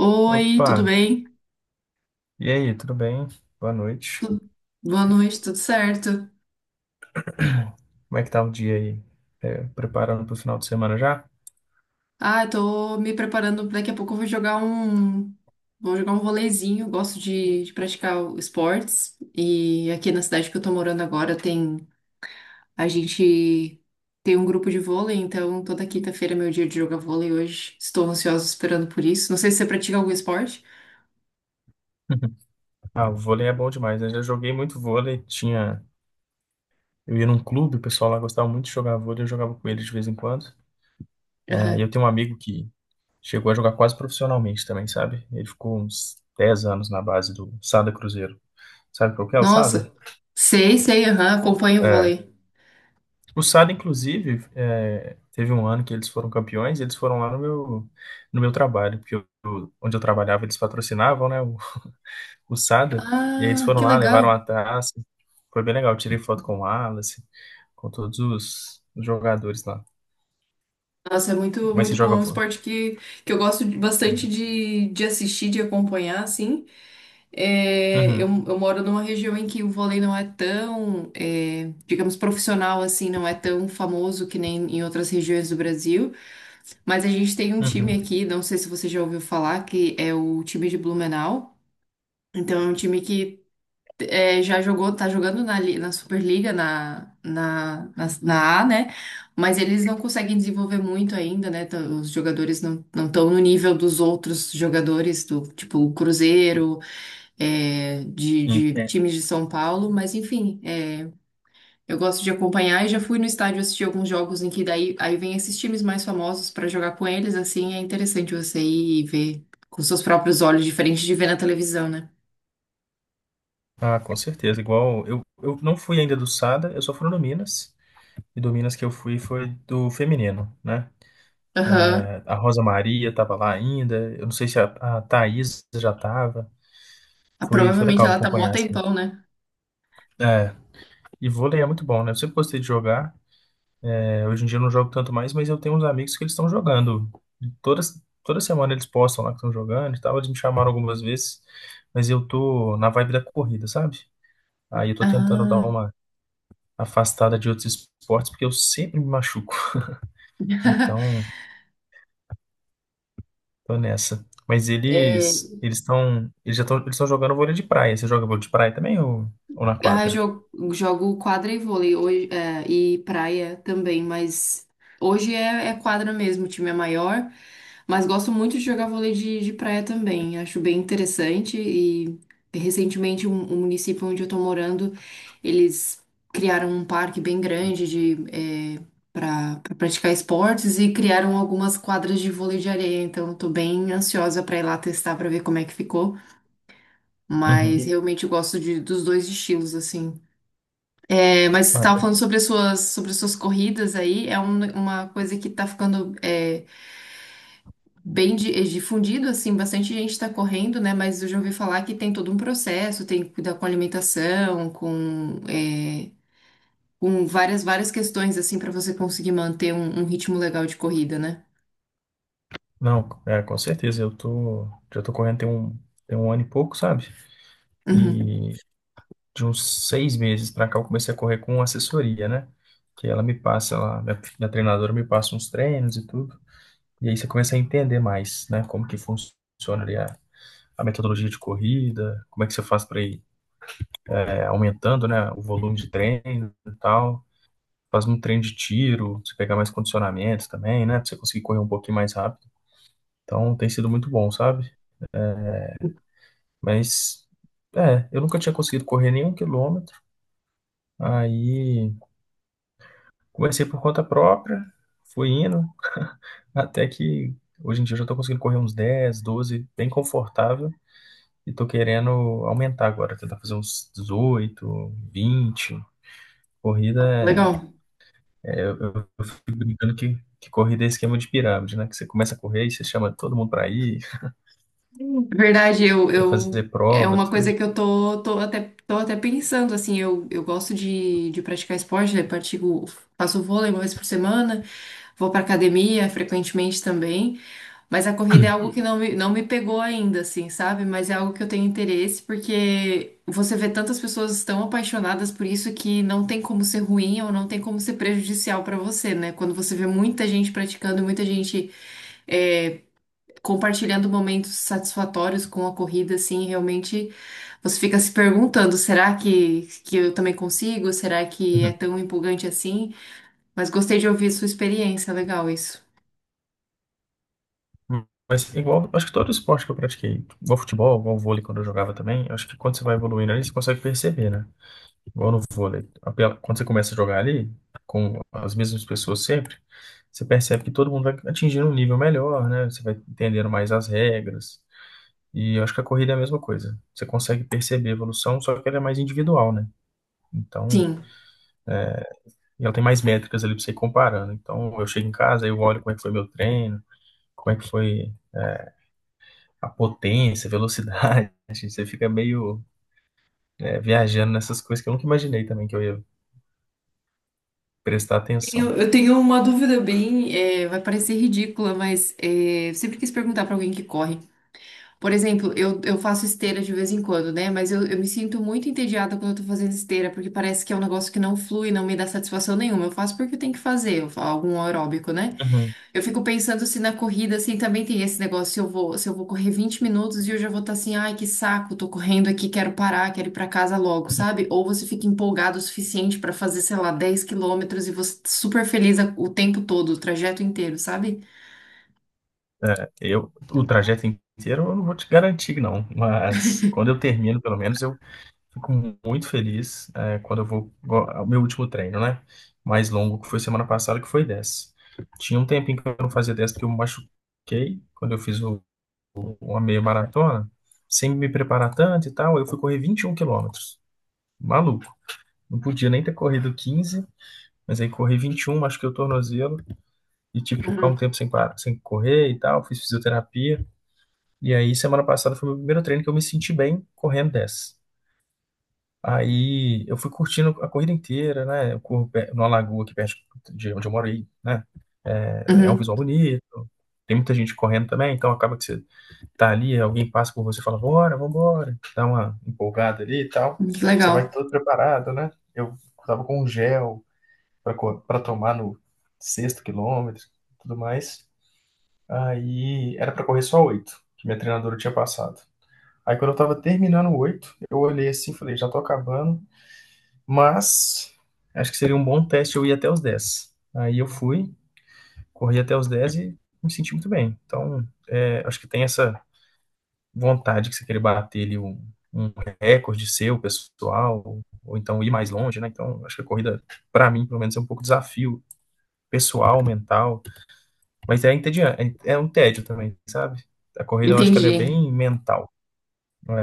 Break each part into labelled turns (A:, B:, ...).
A: Oi,
B: Opa,
A: tudo bem?
B: e aí, tudo bem? Boa noite.
A: Tu- Boa noite, tudo certo?
B: Como é que tá o dia aí? Preparando para o final de semana já?
A: Ah, eu tô me preparando, daqui a pouco eu vou jogar um volezinho, eu gosto de praticar esportes, e aqui na cidade que eu tô morando agora tem, a gente tem um grupo de vôlei, então toda quinta-feira é meu dia de jogar vôlei hoje. Estou ansiosa esperando por isso, não sei se você pratica algum esporte?
B: Ah, o vôlei é bom demais, né? Eu já joguei muito vôlei, tinha. Eu ia num clube, o pessoal lá gostava muito de jogar vôlei, eu jogava com eles de vez em quando. E eu
A: Aham.
B: tenho um amigo que chegou a jogar quase profissionalmente também, sabe? Ele ficou uns 10 anos na base do Sada Cruzeiro. Sabe qual que é o Sada?
A: Nossa, sei, sei, aham, acompanho o
B: É.
A: vôlei.
B: O Sada, inclusive, teve um ano que eles foram campeões, e eles foram lá no meu, no meu trabalho, porque onde eu trabalhava eles patrocinavam, né, o Sada, e aí eles
A: Ah,
B: foram
A: que
B: lá, levaram a
A: legal.
B: taça, foi bem legal, eu tirei foto com o Wallace, com os jogadores lá.
A: Nossa, é muito,
B: Mas se
A: muito bom. É
B: joga...
A: um esporte que eu gosto bastante
B: É.
A: de assistir, de acompanhar, assim. É,
B: Uhum,
A: eu moro numa região em que o vôlei não é é, digamos, profissional, assim, não é tão famoso que nem em outras regiões do Brasil. Mas a gente tem um time
B: uhum.
A: aqui, não sei se você já ouviu falar, que é o time de Blumenau. Então, é um time que já jogou, tá jogando na Superliga, na A, né? Mas eles não conseguem desenvolver muito ainda, né? Os jogadores não estão no nível dos outros jogadores, do tipo o Cruzeiro, é, de É. times de São Paulo, mas enfim, é, eu gosto de acompanhar e já fui no estádio assistir alguns jogos em que daí aí vem esses times mais famosos para jogar com eles, assim. É interessante você ir e ver com seus próprios olhos, diferente de ver na televisão, né?
B: Ah, com certeza. Eu não fui ainda do Sada, eu só fui no Minas. E do Minas que eu fui foi do feminino, né?
A: Aham.
B: É, a Rosa Maria estava lá ainda. Eu não sei se a Thaís já estava.
A: Ah,
B: Foi, foi
A: provavelmente
B: legal
A: ela tá mó
B: acompanhar, assim.
A: tempão, né?
B: É, e vôlei é muito bom, né? Eu sempre gostei de jogar. É, hoje em dia eu não jogo tanto mais, mas eu tenho uns amigos que eles estão jogando. E todas, toda semana eles postam lá que estão jogando e tal. Eles me chamaram algumas vezes, mas eu tô na vibe da corrida, sabe? Aí eu tô tentando dar
A: Ah.
B: uma afastada de outros esportes, porque eu sempre me machuco. Então, tô nessa. Mas
A: É,
B: eles eles estão eles já estão eles estão jogando vôlei de praia. Você joga vôlei de praia também, ou na
A: ah,
B: quadra?
A: jogo, jogo quadra e vôlei hoje, é, e praia também, mas hoje é quadra mesmo, o time é maior, mas gosto muito de jogar vôlei de praia também, acho bem interessante. E recentemente um município onde eu tô morando, eles criaram um parque bem grande de, é, para pra pra praticar esportes, e criaram algumas quadras de vôlei de areia, então eu tô bem ansiosa pra ir lá testar pra ver como é que ficou.
B: Uhum.
A: Mas realmente eu gosto dos dois estilos, assim. É, mas você
B: Ah,
A: estava
B: eu-
A: falando sobre as suas corridas aí, é uma coisa que está ficando bem difundido, assim, bastante gente está correndo, né? Mas eu já ouvi falar que tem todo um processo, tem que cuidar com alimentação, com, é, com várias questões, assim, para você conseguir manter um ritmo legal de corrida, né?
B: não, é, com certeza. Eu tô, já tô correndo tem um, tem um ano e pouco, sabe?
A: Uhum.
B: E de uns seis meses pra cá eu comecei a correr com assessoria, né? Que ela me passa, minha treinadora me passa uns treinos e tudo. E aí você começa a entender mais, né? Como que funciona ali a metodologia de corrida, como é que você faz para ir aumentando, né, o volume de treino e tal. Faz um treino de tiro, você pegar mais condicionamentos também, né, para você conseguir correr um pouquinho mais rápido. Então tem sido muito bom, sabe? Mas eu nunca tinha conseguido correr nenhum quilômetro. Aí comecei por conta própria, fui indo, até que hoje em dia eu já tô conseguindo correr uns 10, 12, bem confortável. E tô querendo aumentar agora, tentar fazer uns 18, 20. Corrida
A: Legal.
B: é. Eu fico brincando que corrida é esquema de pirâmide, né? Que você começa a correr e você chama todo mundo pra ir,
A: Verdade,
B: quer fazer
A: é
B: prova,
A: uma
B: tudo.
A: coisa que eu tô, tô até pensando, assim, eu gosto de praticar esporte, né? Pratico, faço vôlei uma vez por semana. Vou pra academia frequentemente também, mas a corrida é algo. Hum. Que não me pegou ainda, assim, sabe? Mas é algo que eu tenho interesse, porque você vê tantas pessoas tão apaixonadas por isso, que não tem como ser ruim ou não tem como ser prejudicial pra você, né? Quando você vê muita gente praticando, muita gente é, compartilhando momentos satisfatórios com a corrida, assim, realmente você fica se perguntando, será que eu também consigo? Será que é tão empolgante assim? Mas gostei de ouvir sua experiência, legal isso.
B: Uhum. Mas igual, acho que todo esporte que eu pratiquei, igual futebol, igual vôlei quando eu jogava também, acho que quando você vai evoluindo ali, você consegue perceber, né? Igual no vôlei. Quando você começa a jogar ali, com as mesmas pessoas sempre, você percebe que todo mundo vai atingindo um nível melhor, né? Você vai entendendo mais as regras. E eu acho que a corrida é a mesma coisa. Você consegue perceber a evolução, só que ela é mais individual, né? Então,
A: Sim.
B: e ela tem mais métricas ali para você ir comparando. Então, eu chego em casa, eu olho como é que foi meu treino, como é que foi a potência, a velocidade. Você fica meio viajando nessas coisas que eu nunca imaginei também que eu ia prestar atenção.
A: Eu tenho uma dúvida bem, é, vai parecer ridícula, mas é, eu sempre quis perguntar pra alguém que corre. Por exemplo, eu faço esteira de vez em quando, né? Mas eu me sinto muito entediada quando eu tô fazendo esteira, porque parece que é um negócio que não flui, não me dá satisfação nenhuma. Eu faço porque eu tenho que fazer, eu faço algum aeróbico, né?
B: Uhum.
A: Eu fico pensando se na corrida, assim, também tem esse negócio, se se eu vou correr 20 minutos e eu já vou estar assim, ai, que saco, tô correndo aqui, quero parar, quero ir pra casa logo, sabe? Ou você fica empolgado o suficiente pra fazer, sei lá, 10 quilômetros, e você tá super feliz o tempo todo, o trajeto inteiro, sabe?
B: É, o trajeto inteiro eu não vou te garantir, não. Mas quando eu termino, pelo menos, eu fico muito feliz quando eu vou. O meu último treino, né? Mais longo, que foi semana passada, que foi 10. Tinha um tempinho que eu não fazia 10 porque eu me machuquei quando eu fiz uma meia maratona, sem me preparar tanto e tal. Eu fui correr 21 quilômetros. Maluco. Não podia nem ter corrido 15, mas aí corri 21, machuquei o tornozelo e tive que ficar um
A: Uhum.
B: tempo sem, parar, sem correr e tal. Fiz fisioterapia. E aí, semana passada foi o meu primeiro treino que eu me senti bem correndo 10. Aí eu fui curtindo a corrida inteira, né? Eu corro numa lagoa aqui perto de onde eu moro aí, né? É um
A: Uhum.
B: visual bonito, tem muita gente correndo também, então acaba que você tá ali, alguém passa por você e fala, bora, vambora, dá uma empolgada ali e tal.
A: Que
B: Você
A: legal.
B: vai todo preparado, né? Eu tava com um gel pra tomar no sexto quilômetro e tudo mais. Aí era pra correr só oito, que minha treinadora tinha passado. Aí quando eu tava terminando o oito, eu olhei assim e falei, já tô acabando. Mas acho que seria um bom teste eu ir até os dez. Aí eu fui, corri até os 10 e me senti muito bem. Então, é, acho que tem essa vontade que você querer bater ali um recorde seu, pessoal, ou então ir mais longe, né? Então, acho que a corrida, para mim, pelo menos, é um pouco desafio pessoal, mental. Mas é entediante, é um tédio também, sabe? A corrida, eu acho que ela é
A: Entendi.
B: bem mental.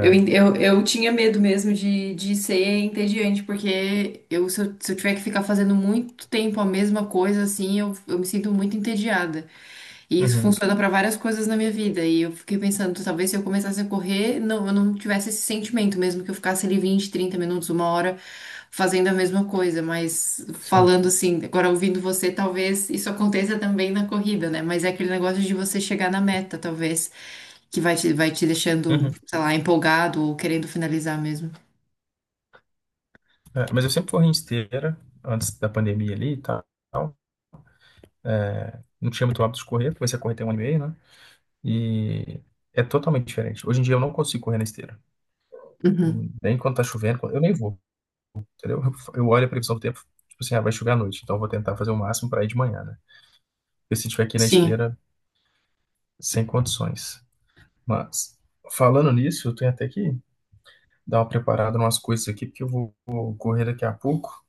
A: Eu tinha medo mesmo de ser entediante, porque eu, se eu tiver que ficar fazendo muito tempo a mesma coisa, assim, eu me sinto muito entediada. E isso
B: Uhum,
A: funciona para várias coisas na minha vida. E eu fiquei pensando, talvez se eu começasse a correr, não, eu não tivesse esse sentimento, mesmo que eu ficasse ali 20, 30 minutos, uma hora fazendo a mesma coisa. Mas
B: sim.
A: falando assim, agora ouvindo você, talvez isso aconteça também na corrida, né? Mas é aquele negócio de você chegar na meta, talvez, que vai te deixando,
B: Uhum.
A: sei lá, empolgado ou querendo finalizar mesmo.
B: É, mas eu sempre corri em esteira, antes da pandemia ali e tal. Não tinha muito hábito de correr, comecei a correr tem um ano e meio, né? E é totalmente diferente. Hoje em dia eu não consigo correr na esteira.
A: Uhum.
B: Nem quando tá chovendo, eu nem vou, entendeu? Eu olho a previsão do tempo, tipo assim, ah, vai chover à noite, então eu vou tentar fazer o máximo para ir de manhã, né? Porque se tiver aqui na
A: Sim,
B: esteira, sem condições. Mas, falando nisso, eu tenho até que dar uma preparada em umas coisas aqui, porque eu vou correr daqui a pouco.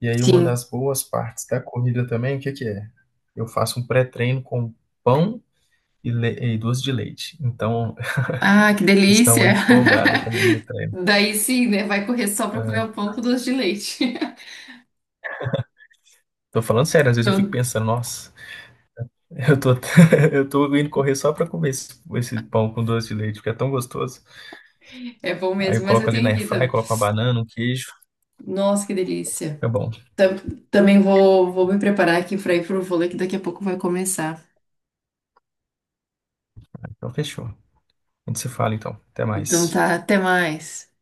B: E aí, uma
A: sim.
B: das boas partes da corrida também, o que que é? Eu faço um pré-treino com pão e doce de leite. Então,
A: Ah, que
B: estão
A: delícia!
B: empolgadas também no treino.
A: Daí sim, né? Vai correr só para comer
B: É.
A: um pão com doce de leite.
B: Tô falando sério, às vezes eu fico
A: Então,
B: pensando, nossa, eu tô, eu tô indo correr só pra comer esse pão com doce de leite, porque é tão gostoso.
A: é bom
B: Aí eu
A: mesmo, mas eu
B: coloco ali
A: tenho
B: na
A: aqui
B: airfry,
A: também.
B: coloco uma banana, um queijo,
A: Nossa, que delícia.
B: fica bom.
A: Tam- Também vou, vou me preparar aqui para ir pro vôlei, que daqui a pouco vai começar.
B: Então fechou. A gente se fala então. Até
A: Então
B: mais.
A: tá, até mais.